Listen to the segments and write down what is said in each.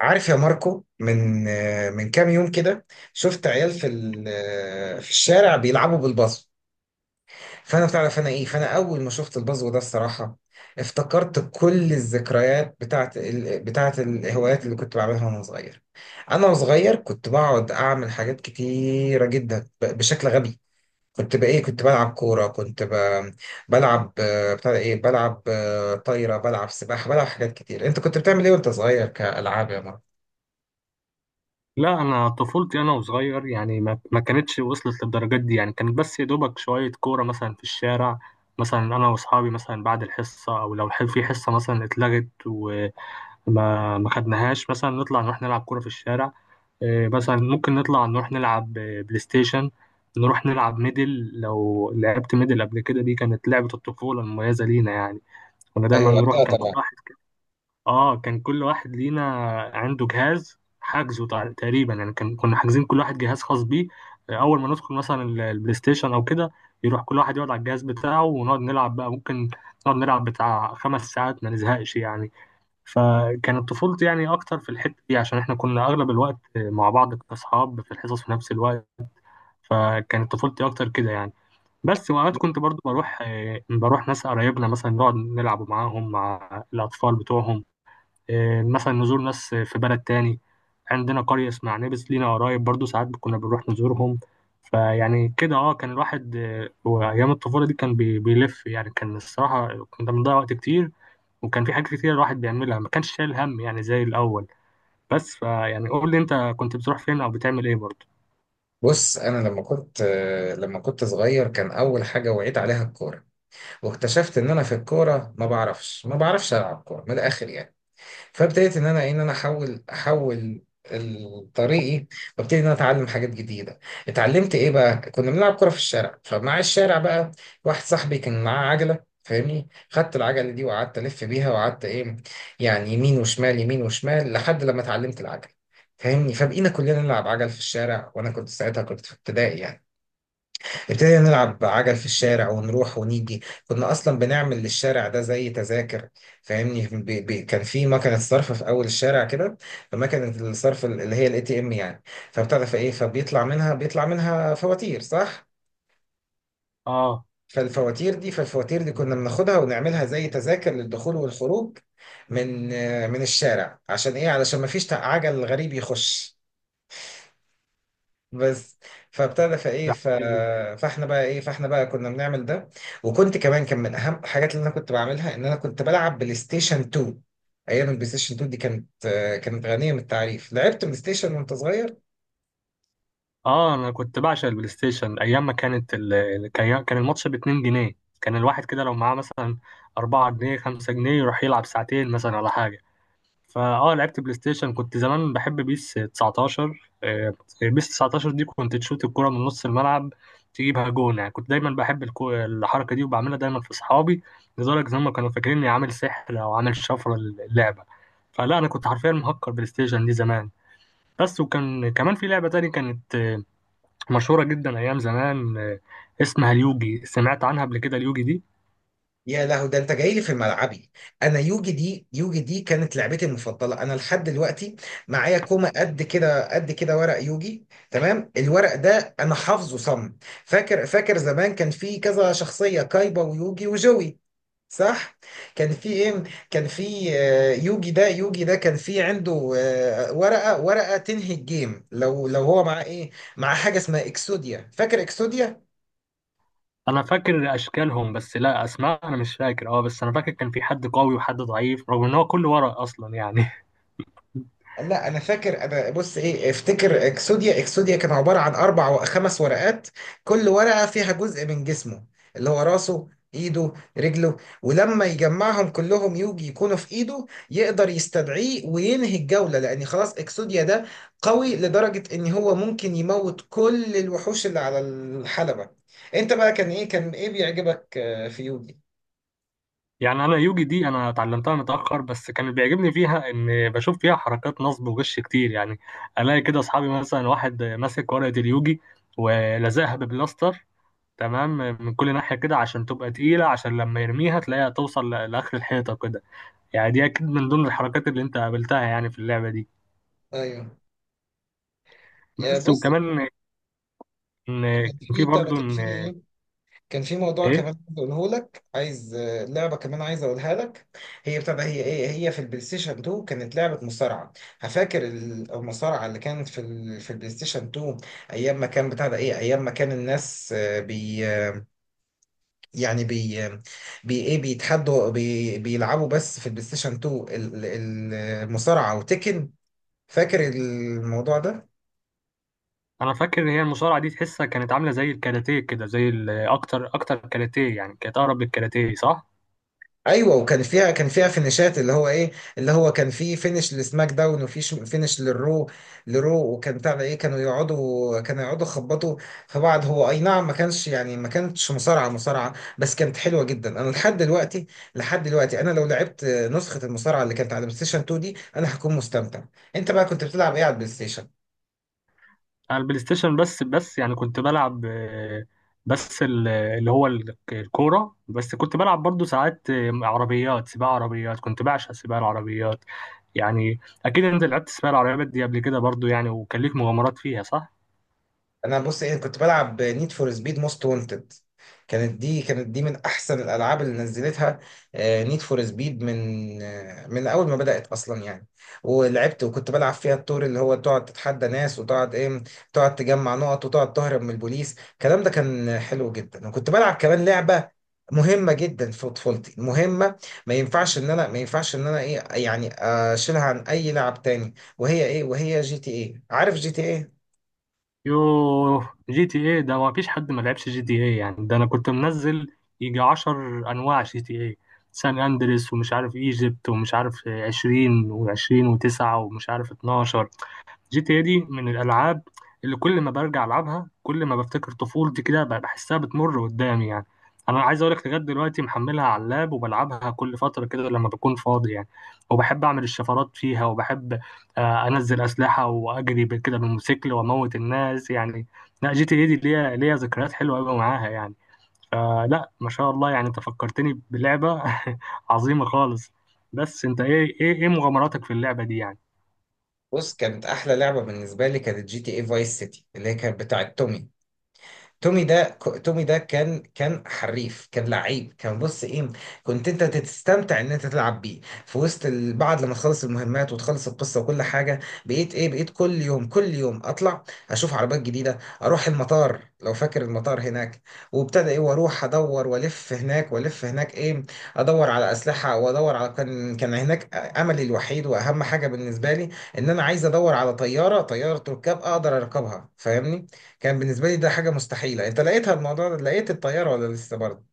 عارف يا ماركو، من كام يوم كده. شفت عيال في ال- آه، في الشارع بيلعبوا بالبازو. فانا بتعرف انا ايه فانا اول ما شفت البازو ده الصراحه، افتكرت كل الذكريات بتاعت الهوايات اللي كنت بعملها وانا صغير. انا وصغير كنت بقعد اعمل حاجات كتيره جدا بشكل غبي. كنت بقى ايه كنت بلعب كوره، بلعب بتاع ده ايه بلعب طايره، بلعب سباحه، بلعب حاجات كتير. انت كنت بتعمل ايه وانت صغير كالعاب يا ماركو؟ لا، انا طفولتي انا وصغير يعني ما كانتش وصلت للدرجات دي. يعني كانت بس يا دوبك شويه كوره مثلا في الشارع. مثلا انا واصحابي مثلا بعد الحصه، او لو في حصه مثلا اتلغت وما ما خدناهاش، مثلا نطلع نروح نلعب كوره في الشارع. إيه، مثلا ممكن نطلع نروح نلعب بلاي ستيشن، نروح نلعب ميدل. لو لعبت ميدل قبل كده، دي كانت لعبه الطفوله المميزه لينا يعني. كنا دايما ايوه، لا نروح، كان كل طبعا. واحد، اه كان كل واحد لينا عنده جهاز حجزه تقريبا يعني، كان كنا حاجزين كل واحد جهاز خاص بيه. آه، اول ما ندخل مثلا البلاي ستيشن او كده، يروح كل واحد يقعد على الجهاز بتاعه، ونقعد نلعب بقى. ممكن نقعد نلعب بتاع خمس ساعات ما نزهقش يعني. فكانت طفولتي يعني اكتر في الحتة دي، عشان احنا كنا اغلب الوقت مع بعض كاصحاب في الحصص في نفس الوقت. فكانت طفولتي اكتر كده يعني. بس وأوقات كنت برضو بروح ناس قرايبنا مثلا نقعد نلعب معاهم مع الأطفال بتوعهم. آه، مثلا نزور ناس في بلد تاني. عندنا قرية اسمها عنابس، لينا قرايب برضو ساعات كنا بنروح نزورهم. فيعني كده اه كان الواحد، آه، وأيام الطفولة دي كان بيلف يعني. كان الصراحة كنا بنضيع وقت كتير، وكان في حاجات كتير الواحد بيعملها ما كانش شايل هم يعني زي الأول. بس فيعني قول لي أنت كنت بتروح فين أو بتعمل إيه برضو. بص، انا لما كنت صغير كان اول حاجه وعيت عليها الكوره، واكتشفت ان انا في الكوره ما بعرفش العب كوره من الاخر يعني. فابتديت ان انا احول طريقي، وابتدي ان انا اتعلم حاجات جديده. اتعلمت ايه بقى، كنا بنلعب كره في الشارع، فمع الشارع بقى واحد صاحبي كان معاه عجله، فاهمني، خدت العجله دي وقعدت الف بيها وقعدت ايه يعني، يمين وشمال يمين وشمال لحد لما اتعلمت العجله، فاهمني. فبقينا كلنا نلعب عجل في الشارع، وانا كنت ساعتها كنت في ابتدائي يعني. ابتدينا نلعب عجل في الشارع ونروح ونيجي. كنا اصلا بنعمل للشارع ده زي تذاكر، فاهمني. بي بي كان في مكنه صرف في اول الشارع كده، فمكنه الصرف اللي هي الاي تي ام يعني. فبتعرف ايه، فبيطلع منها فواتير، صح. اه فالفواتير دي كنا بناخدها ونعملها زي تذاكر للدخول والخروج من من الشارع، عشان ايه، علشان ما فيش عجل غريب يخش بس. فابتدى فايه ده ف... فاحنا بقى كنا بنعمل ده. وكنت كمان، كان من اهم الحاجات اللي انا كنت بعملها ان انا كنت بلعب بلاي ستيشن 2. ايام البلاي ستيشن 2 دي كانت غنيه من التعريف. لعبت بلاي ستيشن وانت صغير؟ اه، انا كنت بعشق البلاي ستيشن ايام ما كان كان الماتش ب 2 جنيه. كان الواحد كده لو معاه مثلا 4 جنيه 5 جنيه يروح يلعب ساعتين مثلا ولا حاجه. فاه لعبت بلاي ستيشن، كنت زمان بحب بيس 19. آه، بيس 19 دي كنت تشوت الكره من نص الملعب تجيبها جون يعني. كنت دايما بحب الحركه دي، وبعملها دايما في اصحابي لدرجه ان هم كانوا فاكرين اني عامل سحر او عامل شفره للعبه. فلا انا كنت حرفيا مهكر بلاي ستيشن دي زمان. بس وكان كمان في لعبه تانية كانت مشهورة جدا أيام زمان، آه، اسمها اليوجي. سمعت عنها قبل كده اليوجي دي؟ يا لهو، ده انت جاي لي في ملعبي. انا يوجي دي كانت لعبتي المفضله انا لحد دلوقتي. معايا كومه قد كده قد كده ورق يوجي، تمام. الورق ده انا حافظه صم. فاكر زمان، كان في كذا شخصيه، كايبا ويوجي وجوي، صح؟ كان في ايه كان في يوجي ده كان في عنده ورقة تنهي الجيم لو هو مع ايه، مع حاجة اسمها اكسوديا، فاكر اكسوديا؟ أنا فاكر أشكالهم بس لا أسماء أنا مش فاكر. أه بس أنا فاكر كان في حد قوي وحد ضعيف رغم إن هو كله ورق أصلا يعني. لا انا فاكر، انا بص ايه، افتكر اكسوديا كان عباره عن اربع وخمس ورقات، كل ورقه فيها جزء من جسمه، اللي هو راسه ايده رجله، ولما يجمعهم كلهم يوجي يكونوا في ايده، يقدر يستدعيه وينهي الجوله، لان خلاص اكسوديا ده قوي لدرجه ان هو ممكن يموت كل الوحوش اللي على الحلبه. انت بقى كان ايه، كان ايه بيعجبك في يوجي؟ يعني أنا اليوجي دي أنا اتعلمتها متأخر، بس كان اللي بيعجبني فيها إن بشوف فيها حركات نصب وغش كتير يعني. ألاقي كده أصحابي مثلا واحد ماسك ورقة اليوجي ولزقها ببلاستر، تمام، من كل ناحية كده عشان تبقى تقيلة، عشان لما يرميها تلاقيها توصل لآخر الحيطة كده. يعني دي اكيد من ضمن الحركات اللي انت قابلتها يعني في اللعبه دي. ايوه، يا بس بص، وكمان ان، كان كان في في بتاع ده، برضو كان ان، في إيه؟ كان في موضوع ايه، كمان عايز اقوله لك، عايز لعبه كمان عايز اقولها لك. هي بتبقى هي ايه، هي في البلاي ستيشن 2 كانت لعبه مصارعه. هفاكر المصارعه اللي كانت في في البلاي ستيشن 2. ايام ما كان بتاع ده ايه، ايام ما كان الناس آه، بي آه، يعني بي آه، بي ايه بيتحدوا، بيلعبوا بس في البلاي ستيشن 2 المصارعه وتكن، فاكر الموضوع ده؟ انا فاكر ان هي المصارعه دي تحسها كانت عامله زي الكاراتيه كده، زي اكتر كاراتيه يعني، كانت اقرب للكاراتيه، صح. ايوه، وكان فيها كان فيها فينيشات، اللي هو ايه، اللي هو كان في فينيش لسماك داون، وفي فينيش لرو. وكان بتاع ده ايه، كانوا يقعدوا يخبطوا في بعض. هو اي نعم ما كانش يعني، ما كانتش مصارعه، بس كانت حلوه جدا. انا لحد دلوقتي، انا لو لعبت نسخه المصارعه اللي كانت على بلاي ستيشن 2 دي انا هكون مستمتع. انت بقى كنت بتلعب ايه على البلاي ستيشن؟ انا البلاي ستيشن بس يعني كنت بلعب، آه، بس ال- اللي هو ال- الكوره، بس كنت بلعب برضو ساعات آه، عربيات سباق. عربيات كنت بعشق سباق العربيات يعني. اكيد انت لعبت سباق العربيات دي قبل كده برضو يعني، وكان ليك مغامرات فيها صح. انا بص ايه، كنت بلعب نيد فور سبيد موست وانتد، كانت دي من احسن الالعاب اللي نزلتها. نيد فور سبيد، من من اول ما بدات اصلا يعني. ولعبت وكنت بلعب فيها الدور اللي هو تقعد تتحدى ناس وتقعد ايه، تقعد تجمع نقط وتقعد تهرب من البوليس، الكلام ده كان حلو جدا. وكنت بلعب كمان لعبه مهمه جدا في طفولتي، مهمه ما ينفعش ان انا ايه يعني اشيلها عن اي لعب تاني، وهي ايه، وهي جي تي ايه، عارف جي تي ايه. يوه، جي تي ايه ده ما فيش حد ما لعبش جي تي ايه يعني. ده انا كنت منزل يجي عشر انواع جي تي ايه، سان اندريس ومش عارف ايجيبت ومش عارف عشرين وعشرين وتسعة ومش عارف اتناشر. جي تي إيه دي من الالعاب اللي كل ما برجع العبها كل ما بفتكر طفولتي كده بحسها بتمر قدامي يعني. انا عايز اقول لك لغايه دلوقتي محملها على اللاب وبلعبها كل فتره كده لما بكون فاضي يعني. وبحب اعمل الشفرات فيها، وبحب، آه، انزل اسلحه واجري كده بالموتوسيكل واموت الناس يعني. لا جي تي إيه دي ليها ذكريات حلوه قوي معاها يعني. فلا ما شاء الله يعني، انت فكرتني بلعبه عظيمه خالص. بس انت ايه ايه مغامراتك في اللعبه دي يعني. بص، كانت احلى لعبه بالنسبه لي كانت جي تي اي فايس سيتي، اللي هي كانت بتاعه تومي. تومي ده كان كان حريف، كان لعيب، كان بص ايه، كنت انت تستمتع ان انت تلعب بيه في وسط بعد لما تخلص المهمات وتخلص القصه وكل حاجه. بقيت ايه، بقيت كل يوم كل يوم اطلع اشوف عربيات جديده، اروح المطار لو فاكر المطار هناك. وابتدى ايه، واروح ادور والف هناك والف هناك ايه، ادور على اسلحه وادور على، كان هناك املي الوحيد واهم حاجه بالنسبه لي ان انا عايز ادور على طياره، طياره ركاب اقدر اركبها، فاهمني. كان بالنسبة لي ده حاجة مستحيلة، انت لقيتها الموضوع ده، لقيت الطيارة ولا لسه برضه؟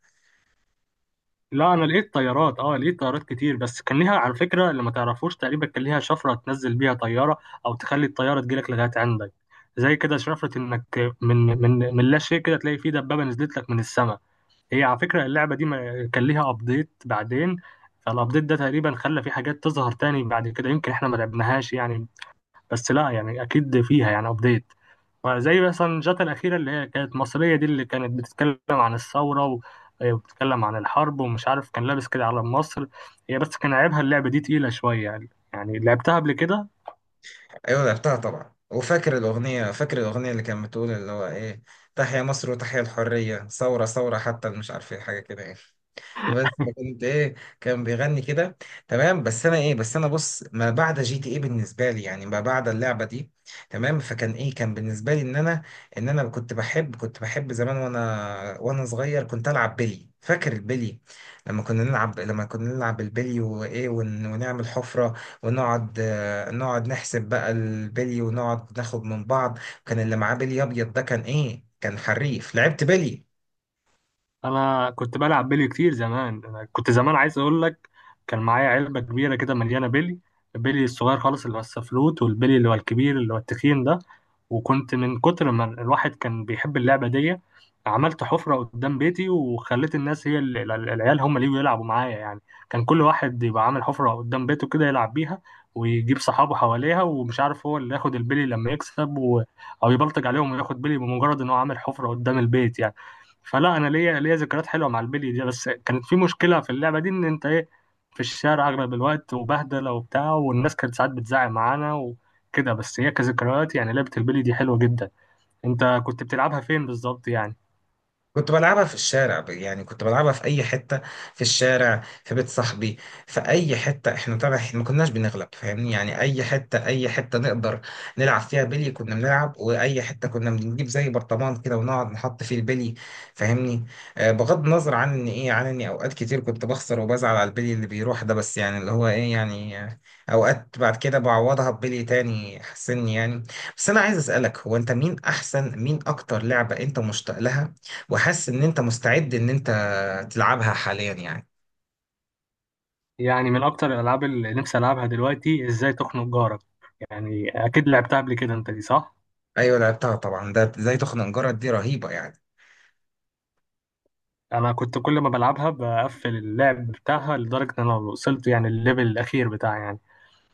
لا انا لقيت طيارات، اه لقيت طيارات كتير، بس كان ليها على فكره اللي ما تعرفوش تقريبا، كان ليها شفره تنزل بيها طياره او تخلي الطياره تجيلك لغايه عندك. زي كده شفره انك من لا شيء كده تلاقي في دبابه نزلت لك من السماء. هي على فكره اللعبه دي ما كان ليها ابديت بعدين. فالابديت ده تقريبا خلى في حاجات تظهر تاني بعد كده، يمكن احنا ما لعبناهاش يعني. بس لا يعني اكيد فيها يعني ابديت، زي مثلا الجاتا الأخيرة اللي هي كانت مصرية دي، اللي كانت بتتكلم عن وبتتكلم عن الحرب ومش عارف، كان لابس كده على مصر. هي بس كان عيبها اللعبة دي تقيلة شوية، يعني يعني لعبتها قبل كده. ايوه لعبتها طبعا، وفاكر الأغنية، فاكر الأغنية اللي كانت بتقول اللي هو ايه، تحيا مصر وتحيا الحرية، ثورة ثورة، حتى مش عارف ايه، حاجة كده يعني، بس. فكنت ايه، كان بيغني كده، تمام. بس انا ايه، بس انا بص، ما بعد جي تي ايه بالنسبه لي يعني، ما بعد اللعبه دي، تمام. فكان ايه، كان بالنسبه لي ان انا كنت بحب زمان وانا صغير كنت العب بيلي، فاكر البيلي؟ لما كنا نلعب البلي ونعمل حفره ونقعد آه، نقعد نحسب بقى البلي، ونقعد ناخد من بعض. كان اللي معاه بلي ابيض ده كان ايه، كان حريف. لعبت بلي؟ انا كنت بلعب بيلي كتير زمان. انا كنت زمان عايز اقول لك كان معايا علبه كبيره كده مليانه بيلي. البيلي الصغير خالص اللي هو السفلوت، والبيلي اللي هو الكبير اللي هو التخين ده. وكنت من كتر ما الواحد كان بيحب اللعبه دي، عملت حفره قدام بيتي، وخليت الناس، هي العيال هم اللي يجوا يلعبوا معايا يعني. كان كل واحد يبقى عامل حفره قدام بيته كده يلعب بيها ويجيب صحابه حواليها، ومش عارف هو اللي ياخد البيلي لما يكسب او يبلطج عليهم وياخد بيلي بمجرد ان هو عامل حفره قدام البيت يعني. فلا انا ليا ذكريات حلوه مع البلي دي. بس كانت في مشكله في اللعبه دي ان انت ايه، في الشارع اغلب الوقت وبهدله وبتاع، والناس كانت ساعات بتزعق معانا وكده. بس هي كذكريات يعني لعبه البلي دي حلوه جدا. انت كنت بتلعبها فين بالظبط يعني؟ كنت بلعبها في الشارع، يعني كنت بلعبها في اي حته، في الشارع، في بيت صاحبي، في اي حته، احنا طبعا إحنا ما كناش بنغلب، فاهمني، يعني اي حته اي حته نقدر نلعب فيها بلي كنا بنلعب. واي حته كنا بنجيب زي برطمان كده، ونقعد نحط فيه البلي، فاهمني. آه، بغض النظر عن ان ايه، عن اني اوقات كتير كنت بخسر وبزعل على البلي اللي بيروح ده، بس يعني اللي هو ايه يعني اوقات بعد كده بعوضها ببلي تاني حسني يعني. بس انا عايز اسالك، هو انت مين احسن، مين اكتر لعبه انت مشتاق لها وحاسس ان انت مستعد ان انت تلعبها حاليا يعني؟ يعني من اكتر الالعاب اللي نفسي العبها دلوقتي ازاي تخنق جارك. يعني اكيد لعبتها قبل كده انت دي صح. ايوه لعبتها طبعا، ده زي تخنجرة، دي رهيبة يعني. انا كنت كل ما بلعبها بقفل اللعب بتاعها لدرجه ان انا وصلت يعني الليفل الاخير بتاعي يعني.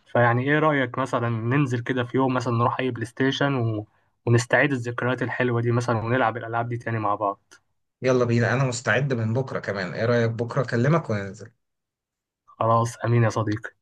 فيعني ايه رأيك مثلا ننزل كده في يوم مثلا نروح اي بلاي ستيشن ونستعيد الذكريات الحلوة دي مثلا ونلعب الألعاب دي تاني مع بعض. يلا بينا، انا مستعد من بكرة كمان، ايه رأيك بكرة اكلمك وننزل. خلاص أمين يا صديقي.